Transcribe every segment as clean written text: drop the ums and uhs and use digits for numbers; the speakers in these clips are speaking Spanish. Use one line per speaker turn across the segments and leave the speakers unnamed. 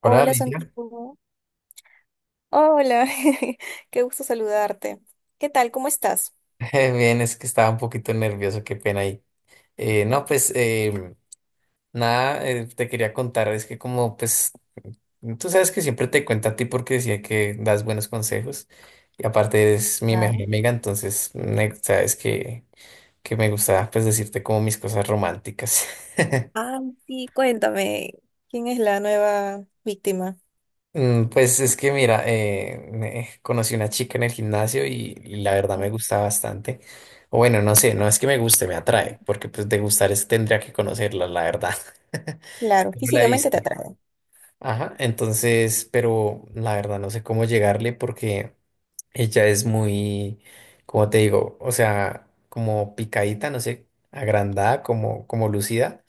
Hola,
Hola
Alicia.
Santiago. Hola, qué gusto saludarte. ¿Qué tal? ¿Cómo estás?
Bien, es que estaba un poquito nervioso, qué pena ahí. No, pues nada, te quería contar, es que como pues tú sabes que siempre te cuento a ti porque decía que das buenos consejos y aparte eres mi mejor
Claro.
amiga, entonces sabes que me gusta pues decirte como mis cosas románticas.
Ah, sí, cuéntame, ¿quién es la nueva víctima?
Mm. Pues es que mira, conocí una chica en el gimnasio y la verdad me
Ujú.
gusta bastante. O bueno, no sé, no es que me guste, me atrae, porque pues de gustar es, tendría que conocerla, la verdad.
Claro,
No la he
físicamente te
visto.
atrae.
Ajá, entonces, pero la verdad no sé cómo llegarle porque ella es muy, como te digo, o sea, como picadita, no sé, agrandada, como, como lucida.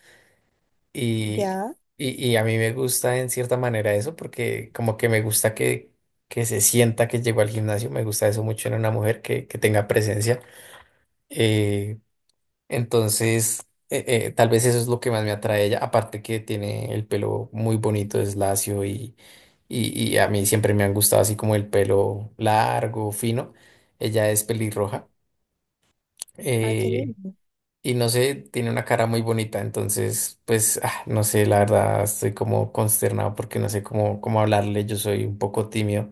Y,
Ya.
y a mí me gusta en cierta manera eso porque como que me gusta que se sienta que llegó al gimnasio, me gusta eso mucho en una mujer que tenga presencia. Eh, entonces, tal vez eso es lo que más me atrae a ella, aparte que tiene el pelo muy bonito, es lacio y a mí siempre me han gustado así como el pelo largo, fino. Ella es pelirroja.
Ay, qué
eh,
lindo.
y no sé, tiene una cara muy bonita, entonces, pues, ah, no sé, la verdad, estoy como consternado porque no sé cómo, cómo hablarle, yo soy un poco tímido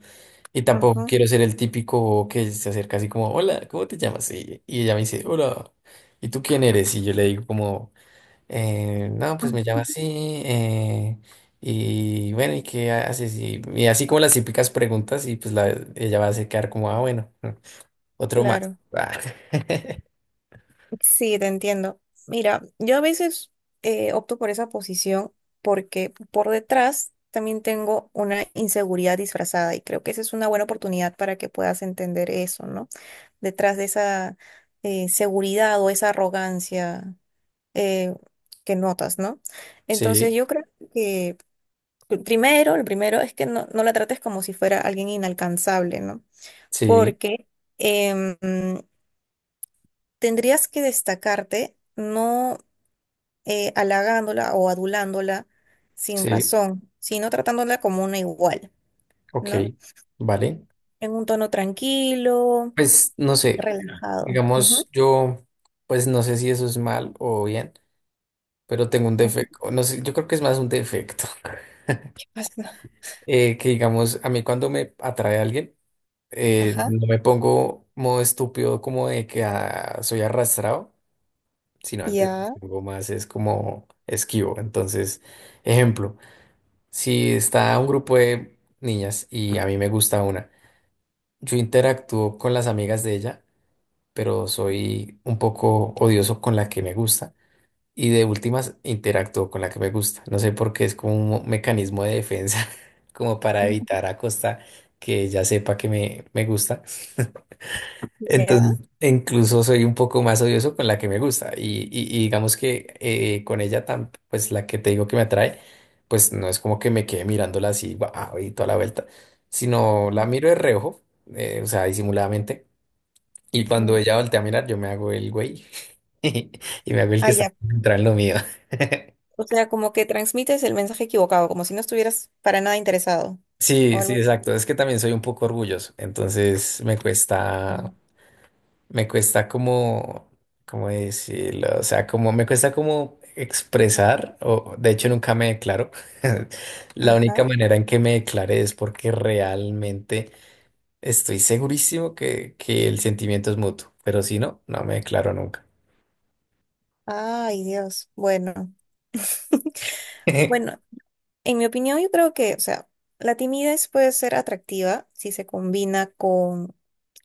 y tampoco
Ajá.
quiero ser el típico que se acerca así como, "Hola, ¿cómo te llamas?". Y ella me dice, "Hola, ¿y tú quién eres?". Y yo le digo como, No, pues me llamo así, y bueno, ¿y qué haces?". Y así como las típicas preguntas y pues ella va a se quedar como, "Ah, bueno, otro más".
Claro. Sí, te entiendo. Mira, yo a veces opto por esa posición porque por detrás también tengo una inseguridad disfrazada y creo que esa es una buena oportunidad para que puedas entender eso, ¿no? Detrás de esa seguridad o esa arrogancia eh, que notas, ¿no?
Sí,
Entonces yo creo que lo primero es que no la trates como si fuera alguien inalcanzable, ¿no?
sí,
Porque em, tendrías que destacarte no halagándola o adulándola sin
sí.
razón, sino tratándola como una igual,
Ok,
¿no?
vale.
En un tono tranquilo,
Pues no sé,
relajado.
digamos
Ujú,
yo, pues no sé si eso es mal o bien, pero tengo un
ujú.
defecto, no sé, yo creo que es más un defecto.
¿Qué pasa?
Que digamos, a mí cuando me atrae alguien,
Ajá,
no me pongo modo estúpido como de que ah, soy arrastrado, sino antes
ya.
me pongo más es como esquivo. Entonces, ejemplo, si está un grupo de niñas y a mí me gusta una, yo interactúo con las amigas de ella pero soy un poco odioso con la que me gusta. Y de últimas interactúo con la que me gusta. No sé por qué es como un mecanismo de defensa, como para evitar a costa que ella sepa que me gusta. Entonces,
Ya.
incluso soy un poco más odioso con la que me gusta. Y, y digamos que con ella, tan, pues la que te digo que me atrae, pues no es como que me quede mirándola así, guau, y toda la vuelta, sino la miro de reojo, o sea, disimuladamente y cuando
Ujú.
ella voltea a mirar, yo me hago el güey. Y me hago el que
Ah,
está
ya.
concentrado en lo mío.
O sea, como que transmites el mensaje equivocado, como si no estuvieras para nada interesado. O
Sí, sí,
algo.
exacto. Es que también soy un poco orgulloso. Entonces
Así.
me cuesta como, ¿cómo decirlo? O sea, como me cuesta como expresar, o de hecho nunca me declaro. La única
Ajá.
manera en que me declare es porque realmente estoy segurísimo que el sentimiento es mutuo. Pero si no, no me declaro nunca.
Ay, Dios. Bueno. Bueno, en mi opinión, yo creo que, o sea, la timidez puede ser atractiva si se combina con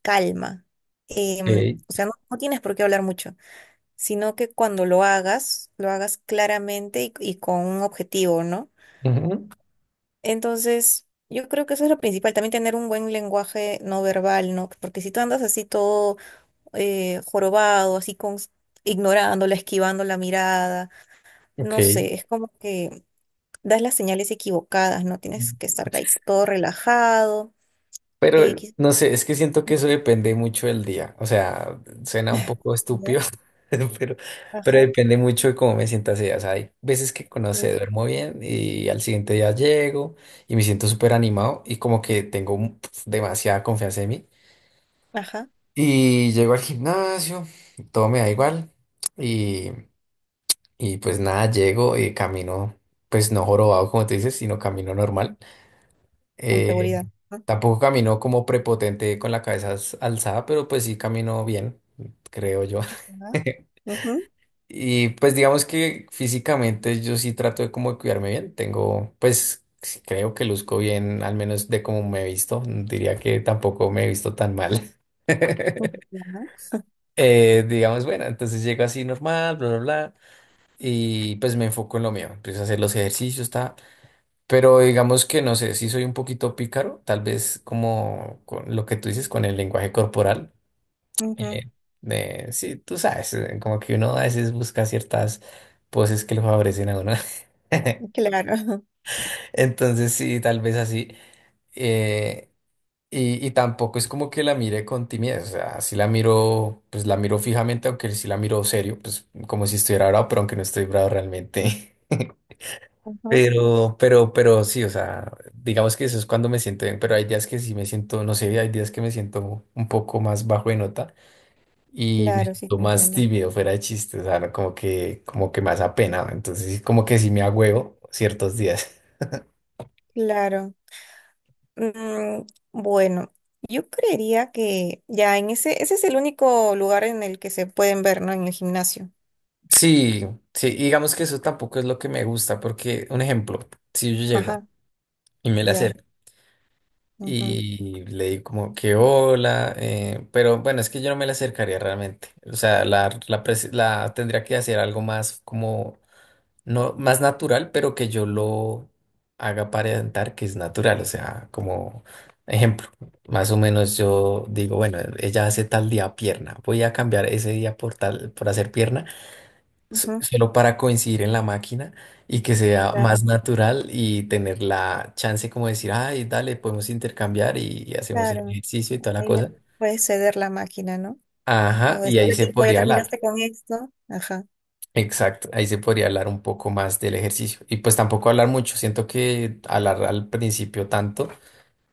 calma. Em,
Ok.
o sea, no tienes por qué hablar mucho, sino que cuando lo hagas claramente y con un objetivo, ¿no?
Ujú.
Entonces, yo creo que eso es lo principal, también tener un buen lenguaje no verbal, ¿no? Porque si tú andas así todo jorobado, así con, ignorándola, esquivando la mirada,
Ok.
no sé, es como que das las señales equivocadas, ¿no? Tienes que estar ahí todo relajado, eh,
Pero
quiz-
no sé, es que siento que eso depende mucho del día. O sea, suena un poco
¿ya?
estúpido, pero, pero
Ajá,
depende mucho de cómo me sienta ese día. O sea, hay veces que, no sé,
mm,
duermo bien y al siguiente día llego y me siento súper animado y como que tengo pf, demasiada confianza en mí.
ajá,
Y llego al gimnasio, todo me da igual y, y pues nada, llego y camino, pues no jorobado como te dices, sino camino normal.
con
Eh,
seguridad. Ajá,
Tampoco caminó como prepotente con la cabeza alzada, pero pues sí caminó bien, creo yo.
ujú,
Y pues digamos que físicamente yo sí trato de como de cuidarme bien. Tengo, pues sí creo que luzco bien, al menos de cómo me he visto. Diría que tampoco me he visto tan mal.
ujú,
Digamos, bueno, entonces llego así normal, bla, bla, bla. Y pues me enfoco en lo mío. Empiezo a hacer los ejercicios, ta. Pero digamos que no sé, si soy un poquito pícaro, tal vez como con lo que tú dices con el lenguaje corporal.
ujú,
eh, sí, tú sabes, como que uno a veces busca ciertas poses que lo favorecen a uno.
Claro,
Entonces sí, tal vez así. eh, y tampoco es como que la mire con timidez, o sea, si la miro, pues la miro fijamente, aunque si la miro serio, pues como si estuviera bravo, pero aunque no estoy bravo realmente.
ujú,
Pero sí, o sea, digamos que eso es cuando me siento bien, pero hay días que sí me siento, no sé, hay días que me siento un poco más bajo de nota y me
claro, sí
siento
te
más
entiendo.
tímido, fuera de chiste, o sea, no, como que más apenado, entonces sí, como que sí me agüeo ciertos días.
Claro. Mm, bueno, yo creería que ya en ese es el único lugar en el que se pueden ver, ¿no? En el gimnasio.
Sí, sí, y digamos que eso tampoco es lo que me gusta, porque un ejemplo, si yo llego
Ajá,
y me la
ya.
acerco
Ujú,
y le di como que hola, pero bueno, es que yo no me la acercaría realmente. O sea, la tendría que hacer algo más como, no, más natural, pero que yo lo haga aparentar que es natural. O sea, como ejemplo, más o menos yo digo, bueno, ella hace tal día pierna, voy a cambiar ese día por tal, por hacer pierna
ujú,
solo para coincidir en la máquina y que sea
claro,
más natural y tener la chance como de decir, ay, dale, podemos intercambiar y hacemos el
claro.
ejercicio y toda la
Ahí le
cosa.
puedes ceder la máquina, ¿no?
Ajá,
O
y ahí
decirle,
se
tipo, ya
podría hablar.
terminaste con esto. Ajá,
Exacto, ahí se podría hablar un poco más del ejercicio. Y pues tampoco hablar mucho, siento que hablar al principio tanto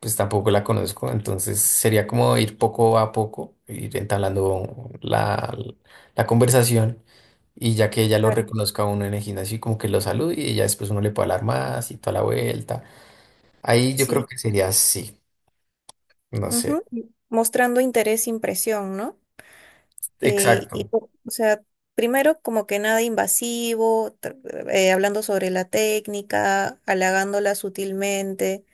pues tampoco la conozco, entonces sería como ir poco a poco, ir entablando la conversación y ya que ella lo
claro.
reconozca a uno en el gimnasio y como que lo salude y ya después uno le puede hablar más y toda la vuelta. Ahí yo creo
Sí.
que
Claro,
sería así, no
ujú,
sé,
mostrando interés, e impresión, ¿no?
exacto.
O sea, primero como que nada invasivo, hablando sobre la técnica, halagándola sutilmente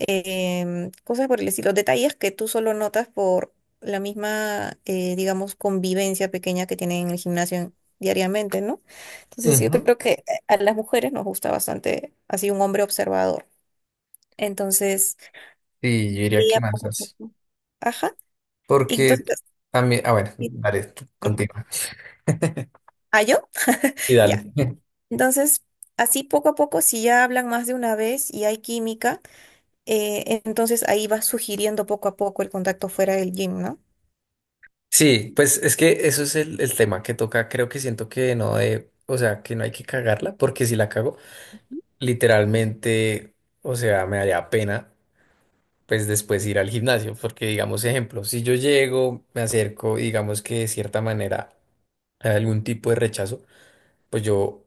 cosas por el estilo, detalles que tú solo notas por la misma, digamos, convivencia pequeña que tienen en el gimnasio diariamente, ¿no? Entonces yo
Ujú.
creo que a las mujeres nos gusta bastante así un hombre observador. Entonces,
Sí, yo diría que
ella
más
poco a
así,
poco. Ajá. Y
porque
entonces,
también, ah bueno,
sí.
dale, tú
Ujú.
continúa.
¿Ah, yo?
Y dale.
Ya. Entonces, así poco a poco, si ya hablan más de una vez y hay química, entonces ahí vas sugiriendo poco a poco el contacto fuera del gym, ¿no?
Sí, pues es que eso es el tema que toca. Creo que siento que no de, o sea, que no hay que cagarla, porque si la cago, literalmente, o sea, me daría pena, pues después ir al gimnasio, porque digamos, ejemplo, si yo llego, me acerco, y digamos que de cierta manera hay algún tipo de rechazo, pues yo,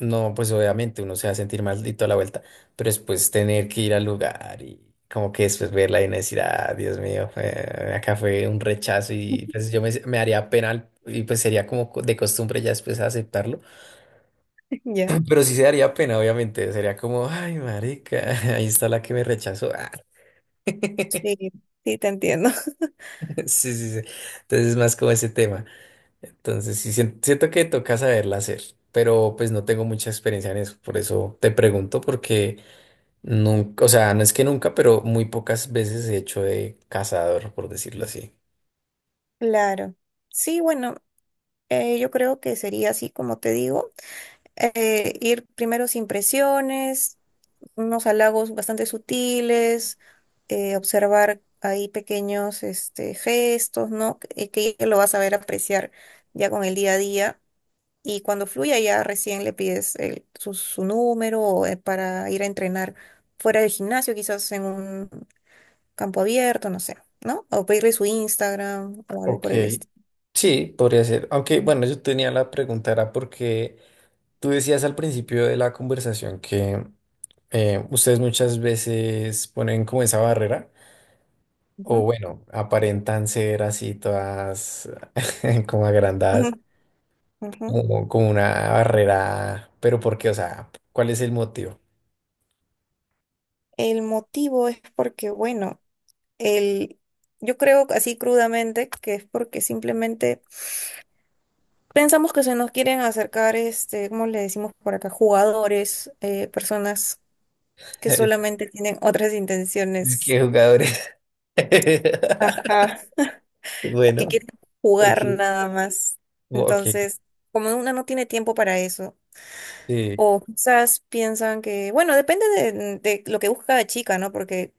no, pues obviamente uno se va a sentir mal y toda la vuelta, pero después tener que ir al lugar y como que después verla y no decir, ah, Dios mío, acá fue un rechazo y pues yo me, me daría pena y pues sería como de costumbre ya después aceptarlo,
Ya.
pero sí se daría pena, obviamente, sería como, ay, marica, ahí está la que me rechazó, ah,
Sí, sí, te entiendo.
sí, sí, sí, entonces es más como ese tema, entonces sí, siento que toca saberla hacer. Pero pues no tengo mucha experiencia en eso, por eso te pregunto, porque nunca, o sea, no es que nunca, pero muy pocas veces he hecho de cazador, por decirlo así.
Claro. Sí, bueno, yo creo que sería así como te digo, ir primero sin presiones, unos halagos bastante sutiles, observar ahí pequeños este, gestos, ¿no? Que ella lo vas a ver apreciar ya con el día a día. Y cuando fluya ya recién le pides su, su número o, para ir a entrenar fuera del gimnasio, quizás en un campo abierto, no sé, ¿no? O pedirle su Instagram o algo
Ok.
por el estilo.
Sí, podría ser. Aunque, bueno, yo tenía la pregunta, era porque tú decías al principio de la conversación que ustedes muchas veces ponen como esa barrera, o
Ujú,
bueno, aparentan ser así todas como
ujú,
agrandadas,
ujú.
como, como una barrera, pero ¿por qué? O sea, ¿cuál es el motivo?
El motivo es porque, bueno, el, yo creo así crudamente que es porque simplemente pensamos que se nos quieren acercar, este, ¿cómo le decimos por acá? Jugadores, personas que solamente tienen otras
Es
intenciones,
que jugadores.
ajá, que
Bueno.
quieren
Ok,
jugar nada más.
ok,
Entonces, como una no tiene tiempo para eso.
sí.
O quizás piensan que, bueno, depende de lo que busca cada chica, ¿no? Porque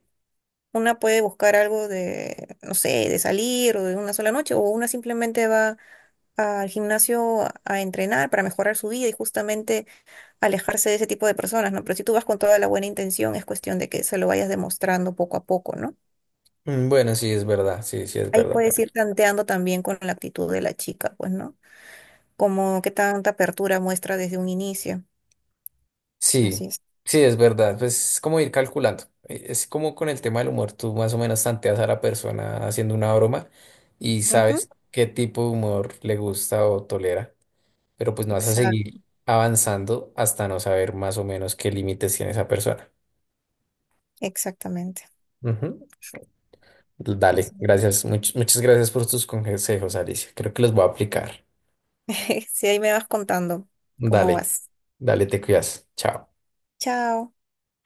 una puede buscar algo de, no sé, de salir o de una sola noche, o una simplemente va al gimnasio a entrenar para mejorar su vida y justamente alejarse de ese tipo de personas, ¿no? Pero si tú vas con toda la buena intención, es cuestión de que se lo vayas demostrando poco a poco, ¿no?
Mm, bueno, sí, es verdad, sí, sí, es
Ahí
verdad.
puedes ir tanteando también con la actitud de la chica, pues, ¿no? Como qué tanta apertura muestra desde un inicio.
Sí,
Así es.
sí, es verdad. Pues es como ir calculando. Es como con el tema del humor, tú más o menos tanteas a la persona haciendo una broma y
Ujú.
sabes qué tipo de humor le gusta o tolera, pero pues no vas a seguir
Exacto,
avanzando hasta no saber más o menos qué límites tiene esa persona.
exactamente.
Ujú. Dale,
Así
gracias. Muchas gracias por tus consejos, Alicia. Creo que los voy a aplicar.
si ahí me vas contando cómo
Dale,
vas.
dale, te cuidas. Chao.
Chao.